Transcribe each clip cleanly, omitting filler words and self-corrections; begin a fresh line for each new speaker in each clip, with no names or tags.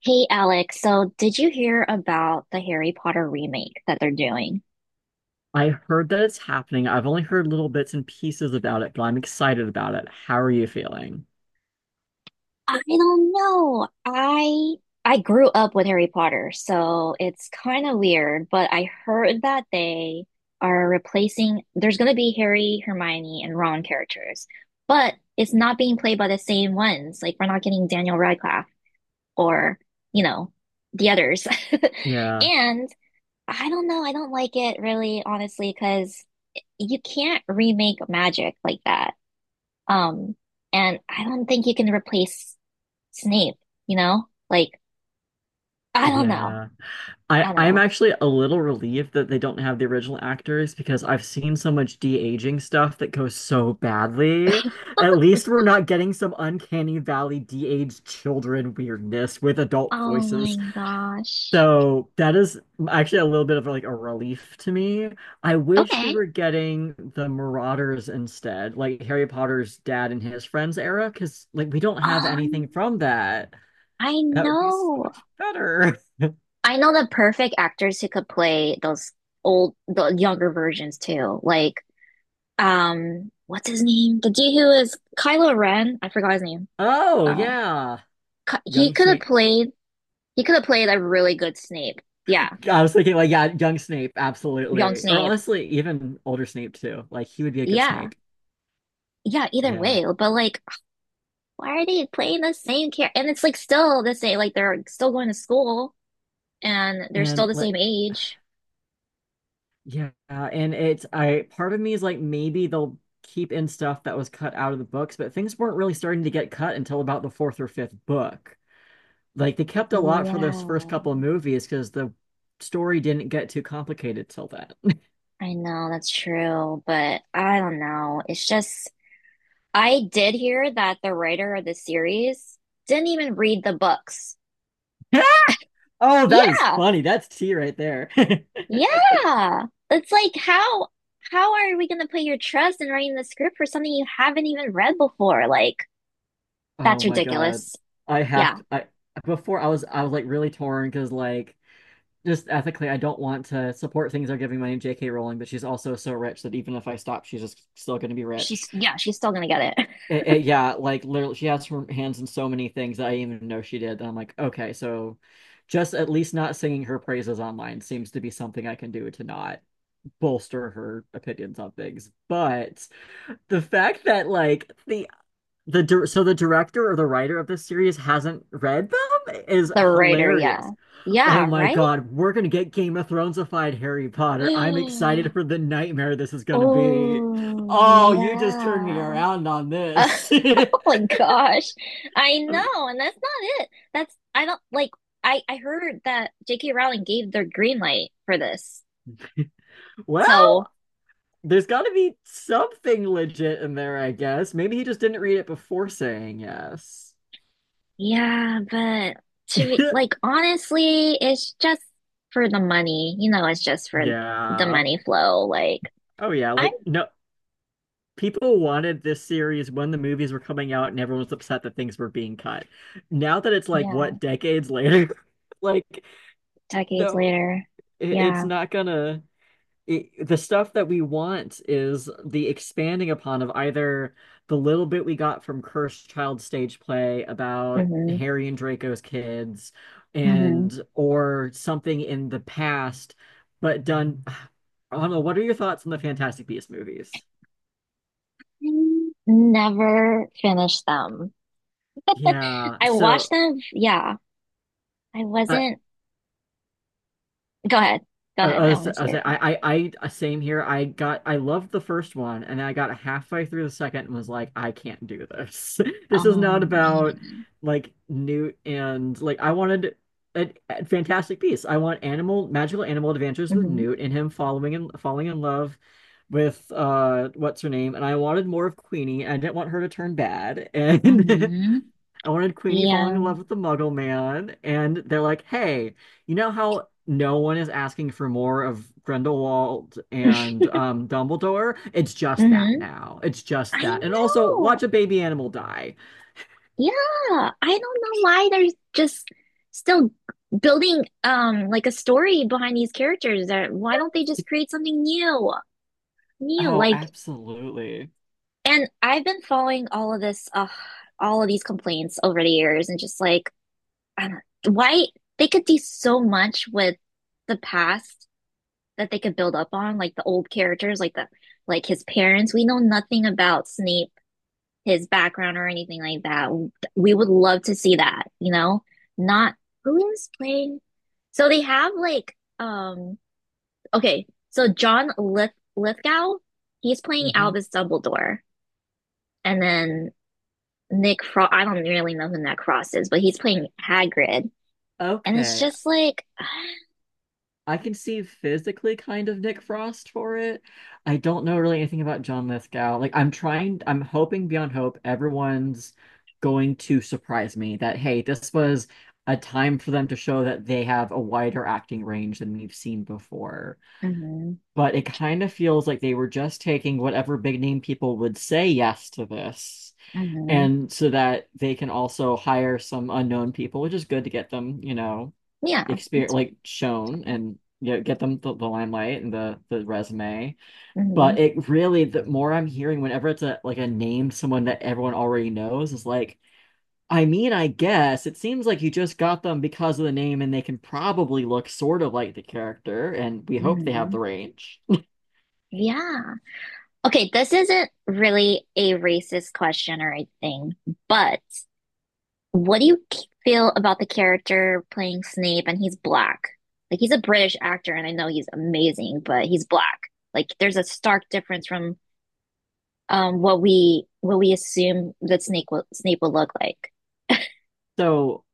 Hey Alex, so did you hear about the Harry Potter remake that they're doing?
I heard that it's happening. I've only heard little bits and pieces about it, but I'm excited about it. How are you feeling?
I don't know. I grew up with Harry Potter, so it's kind of weird, but I heard that they are replacing, there's going to be Harry, Hermione, and Ron characters, but it's not being played by the same ones. Like we're not getting Daniel Radcliffe or, you know, the others.
Yeah.
And I don't know, I don't like it really, honestly, because you can't remake magic like that. Um, and I don't think you can replace Snape, you know? I don't know.
Yeah. I
I don't
I'm
know.
actually a little relieved that they don't have the original actors because I've seen so much de-aging stuff that goes so badly. At least we're not getting some uncanny valley de-aged children weirdness with adult
Oh my
voices.
gosh.
So that is actually a little bit of like a relief to me. I wish we
Okay.
were getting the Marauders instead, like Harry Potter's dad and his friends era, because like we don't have
Um,
anything from that.
I
That would be so
know.
much better.
I know the perfect actors who could play those old, the younger versions too. Like, what's his name? The dude who is Kylo Ren. I forgot his name.
Oh
Uh,
yeah.
He
Young
could have
Snape.
played. He could have played a really good Snape. Yeah,
I was thinking like yeah, young Snape,
young
absolutely. Or
Snape.
honestly, even older Snape too. Like he would be a good
Yeah.
Snape.
Yeah, either
Yeah.
way. But like, why are they playing the same character? And it's like still the same, like they're still going to school and they're still
And
the
like,
same age.
yeah, and it's I part of me is like maybe they'll keep in stuff that was cut out of the books, but things weren't really starting to get cut until about the fourth or fifth book. Like they kept a lot for
Yeah,
those first couple of movies because the story didn't get too complicated till that.
I know that's true, but I don't know. It's just, I did hear that the writer of the series didn't even read the books.
Oh, that is
Yeah,
funny. That's tea right there.
yeah. It's like how are we gonna put your trust in writing the script for something you haven't even read before? Like,
Oh
that's
my God.
ridiculous.
I have
Yeah.
to, I Before I was like really torn because like just ethically I don't want to support things they're giving my J.K. Rowling, but she's also so rich that even if I stop, she's just still going to be rich.
She's Yeah, she's still gonna get it.
Yeah, like literally, she has her hands in so many things that I didn't even know she did. And I'm like, okay, so just at least not singing her praises online seems to be something I can do to not bolster her opinions on things. But the fact that like so the director or the writer of this series hasn't read them is
The writer, yeah.
hilarious. Oh
Yeah,
my
right?
God, we're gonna get Game of Thronesified Harry Potter. I'm excited for the nightmare this is gonna be.
Oh,
Oh, you just turned me
yeah.
around on this.
Oh my gosh. I
I mean,
know, and that's not it. That's I don't like I heard that J.K. Rowling gave their green light for this. So,
well, there's got to be something legit in there, I guess. Maybe he just didn't read it before saying yes.
yeah, but to be like honestly, it's just for the money. You know, it's just for the
Yeah.
money flow. Like
Oh, yeah.
I'm
Like, no, people wanted this series when the movies were coming out and everyone was upset that things were being cut. Now that it's like,
Yeah,
what, decades later? Like,
decades
no,
later.
it's
Yeah.
not gonna, the stuff that we want is the expanding upon of either the little bit we got from Cursed Child stage play about
hmm
Harry and Draco's kids
hmm
and or something in the past but done. I don't know, what are your thoughts on the Fantastic Beasts movies?
Never finished them.
Yeah.
I watched
So
them. Yeah, I
I
wasn't. Go ahead. Go ahead. I want to hear it.
I same here. I loved the first one, and I got halfway through the second and was like, I can't do this. This is
Oh
not about
man.
like Newt, and like I wanted a fantastic piece. I want animal magical animal adventures with
Hmm
Newt and him following and falling in love with what's her name, and I wanted more of Queenie. I didn't want her to turn bad, and
hmm
Ellen and Queenie falling in
Yeah.
love with the Muggle Man, and they're like, hey, you know how no one is asking for more of Grindelwald and Dumbledore? It's just that
hmm
now. It's just
I
that. And also, watch
know.
a baby animal die.
Yeah. I don't know why they're just still building like a story behind these characters. That why don't they just create something new? New,
Oh,
like
absolutely.
And I've been following all of this, all of these complaints over the years, and just like, I don't, why they could do so much with the past that they could build up on, like the old characters, like his parents. We know nothing about Snape, his background or anything like that. We would love to see that, you know? Not who is playing. So they have like, okay, so John Lith Lithgow, he's playing
Hmm.
Albus Dumbledore, and then Nick Frost. I don't really know who Nick Frost is, but he's playing Hagrid, and it's
Okay.
just like
I can see physically kind of Nick Frost for it. I don't know really anything about John Lithgow. Like I'm trying, I'm hoping beyond hope everyone's going to surprise me that hey, this was a time for them to show that they have a wider acting range than we've seen before.
hmm
But it kind of feels like they were just taking whatever big name people would say yes to this.
hmm
And so that they can also hire some unknown people, which is good to get them, you know,
Yeah.
experience
It's,
like shown and get them the limelight and the resume. But
hmm
it really, the more I'm hearing whenever it's a like a name someone that everyone already knows, is like, I mean, I guess it seems like you just got them because of the name, and they can probably look sort of like the character, and we hope they have
hmm
the range.
Yeah. Okay, this isn't really a racist question or anything, but what do you feel about the character playing Snape and he's black? Like he's a British actor and I know he's amazing, but he's black. Like there's a stark difference from what we assume that Snape will look like.
So,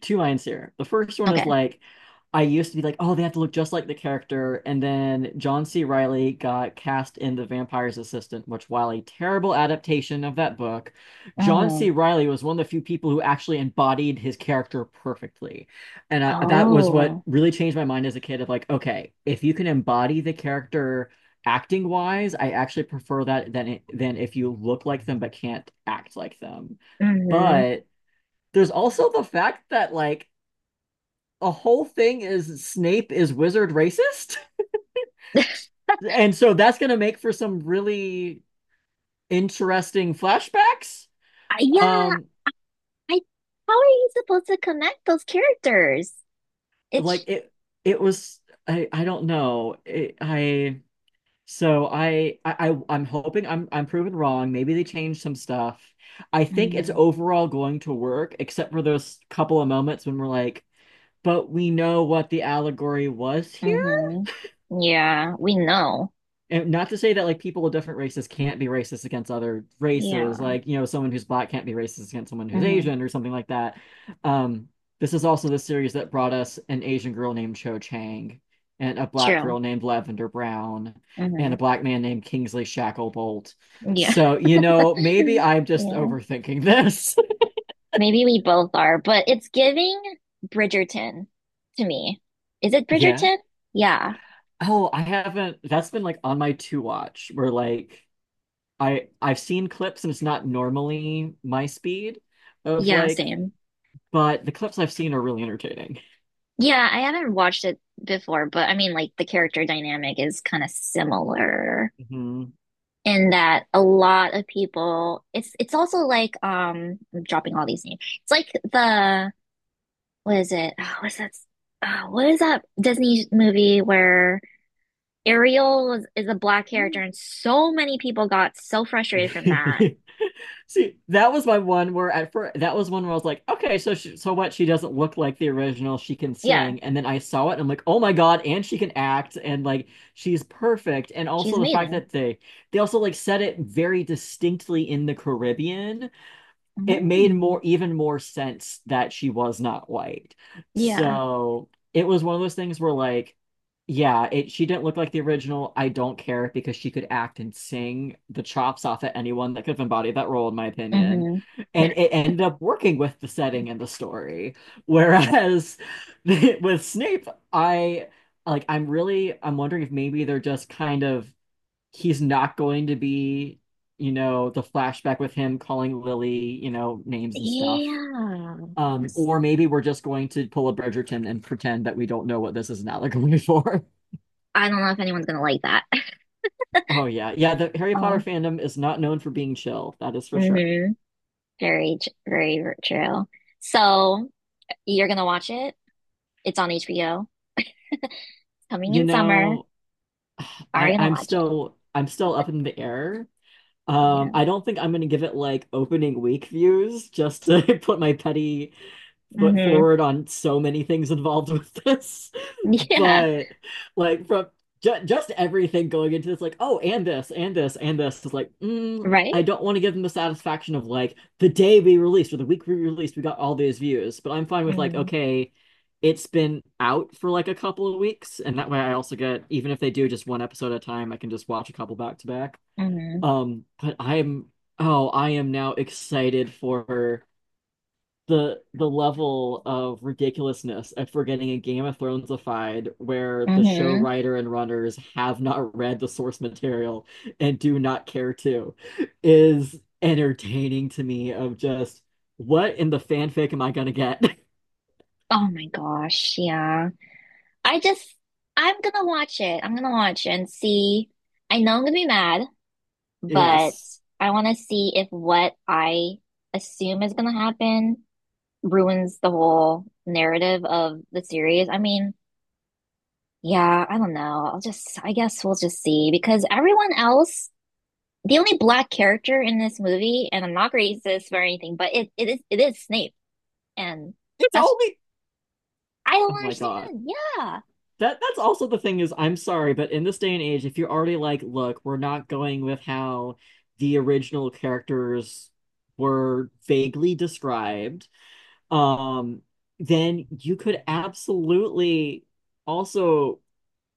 two lines here. The first one is
Okay.
like, I used to be like, oh, they have to look just like the character. And then John C. Riley got cast in The Vampire's Assistant, which, while a terrible adaptation of that book, John
Oh.
C. Riley was one of the few people who actually embodied his character perfectly. That was what
Oh.
really changed my mind as a kid of like, okay, if you can embody the character acting wise, I actually prefer that than, if you look like them but can't act like them.
Mm-hmm.
But there's also the fact that like a whole thing is Snape is wizard racist. And so that's going to make for some really interesting flashbacks.
yeah,
Um
I how are you supposed to connect those characters?
like
It's
it was, I don't know. It, I So I am hoping I'm proven wrong. Maybe they changed some stuff. I think it's
hmm
overall going to work except for those couple of moments when we're like, but we know what the allegory was here.
hmm Yeah, we know.
And not to say that, like, people of different races can't be racist against other races.
Yeah.
Like, someone who's black can't be racist against someone who's
hmm
Asian or something like that. um this is also the series that brought us an Asian girl named Cho Chang, and a black
True.
girl named Lavender Brown, and a
Hmm
black man named Kingsley Shacklebolt.
Yeah.
So maybe I'm just
Yeah,
overthinking this.
maybe we both are, but it's giving Bridgerton to me. Is it
Yeah.
Bridgerton? Yeah,
Oh, I haven't that's been like on my to watch where like I've seen clips and it's not normally my speed of
yeah,
like,
same.
but the clips I've seen are really entertaining.
Yeah, I haven't watched it before, but I mean, like, the character dynamic is kind of similar
Mhm.
in that a lot of people, it's also like, I'm dropping all these names. It's like the, what is it? Oh, what's that? Oh, what is that Disney movie where Ariel was, is a black character, and so many people got so frustrated from that.
See, that was my one where at first that was one where I was like, okay, so what? She doesn't look like the original. She can
Yeah,
sing, and then I saw it, and I'm like, oh my God, and she can act, and like she's perfect. And
she's
also the fact
amazing.
that they also like said it very distinctly in the Caribbean, it made more
Mm.
even more sense that she was not white.
Yeah.
So it was one of those things where like, yeah, it she didn't look like the original. I don't care because she could act and sing the chops off at anyone that could have embodied that role, in my opinion.
hmm
And it ended up working with the setting and the story. Whereas with Snape, I I'm wondering if maybe they're just kind of he's not going to be, the flashback with him calling Lily, names and stuff.
Yeah.
Or maybe we're just going to pull a Bridgerton and pretend that we don't know what this is an allegory for.
I don't know if anyone's gonna like that.
Oh yeah, yeah. The Harry Potter
Uh,
fandom is not known for being chill. That is for sure.
hmm Very, very true. So you're gonna watch it. It's on HBO. Coming
You
in summer.
know,
Are
I
you gonna
I'm
watch it?
still I'm still up in the air.
Yeah.
I don't think I'm gonna give it like opening week views just to put my petty foot
hmm
forward on so many things involved with this.
Yeah.
But like from ju just everything going into this, like, oh, and this, and this, and this is like,
Right?
I don't want to give them the satisfaction of like the day we released, or the week we released, we got all these views. But I'm fine with like,
hmm
okay, it's been out for like a couple of weeks, and that way I also get, even if they do just one episode at a time, I can just watch a couple back to back.
hmm
But oh, I am now excited for the level of ridiculousness if we're getting a Game of Thronesified where the show
hmm
writer and runners have not read the source material and do not care to is entertaining to me of just, what in the fanfic am I gonna get?
Oh my gosh. Yeah. I just, I'm gonna watch it. I'm gonna watch and see. I know I'm gonna be mad, but
Yes.
I want to see if what I assume is gonna happen ruins the whole narrative of the series. I mean, yeah, I don't know. I'll just, I guess we'll just see because everyone else, the only black character in this movie, and I'm not racist or anything, but it is Snape, and
It's
that's,
only
I
Oh
don't
my God.
understand. Yeah.
That's also the thing is, I'm sorry, but in this day and age, if you're already like, look, we're not going with how the original characters were vaguely described, um, then you could absolutely also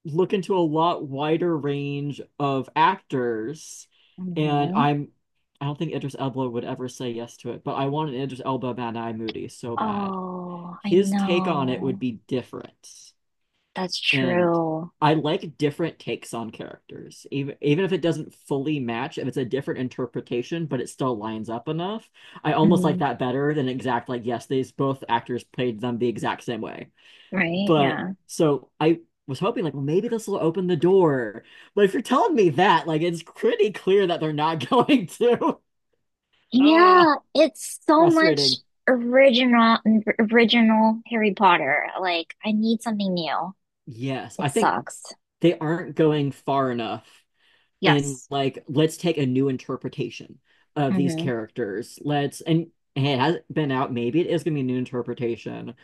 look into a lot wider range of actors. And
hmm
I'm, I don't think Idris Elba would ever say yes to it, but I want an Idris Elba Mad Eye Moody so bad.
Oh, I
His take on it would
know.
be different,
That's
and
true.
I like different takes on characters, even if it doesn't fully match, if it's a different interpretation, but it still lines up enough. I almost like
Mm,
that better than exact, like yes, these both actors played them the exact same way.
right?
But
Yeah.
so I was hoping like, well, maybe this will open the door. But if you're telling me that, like, it's pretty clear that they're not going to. Ah,
Yeah, it's so much
Frustrating.
original original Harry Potter. Like I need something new.
Yes, I
It
think
sucks.
they aren't going far enough in
Yes.
like let's take a new interpretation of these
hmm
characters. Let's And hey, it hasn't been out. Maybe it is gonna be a new interpretation,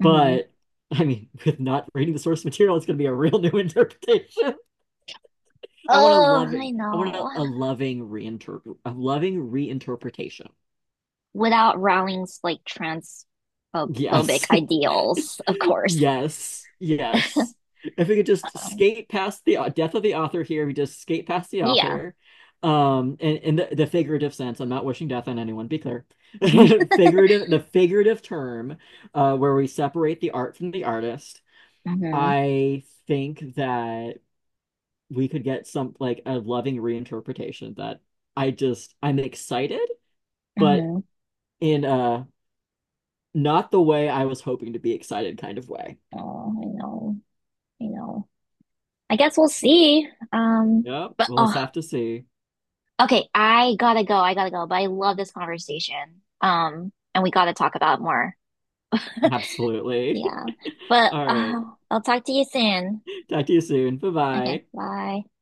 hmm
but I mean, with not reading the source material, it's gonna be a real new interpretation.
Oh, I
I want
know.
a loving reinterpret, A loving reinterpretation.
Without Rowling's like transphobic
Yes.
ideals, of course.
Yes, yes. If we could just
So,
skate past the death of the author here, we just skate past the
yeah.
author, in the figurative sense. I'm not wishing death on anyone, be clear. Figurative, the figurative term, where we separate the art from the artist.
hmm
I think that we could get some like a loving reinterpretation that I'm excited, but
hmm
in a not the way I was hoping to be excited kind of way.
Oh, I know. I know. I guess we'll see.
Yeah, we'll just have to see.
Okay, I gotta go. I gotta go. But I love this conversation. And we gotta talk about it more.
Absolutely.
Yeah. But
All right.
I'll talk to you soon.
Talk to you soon. Bye
Okay,
bye.
bye.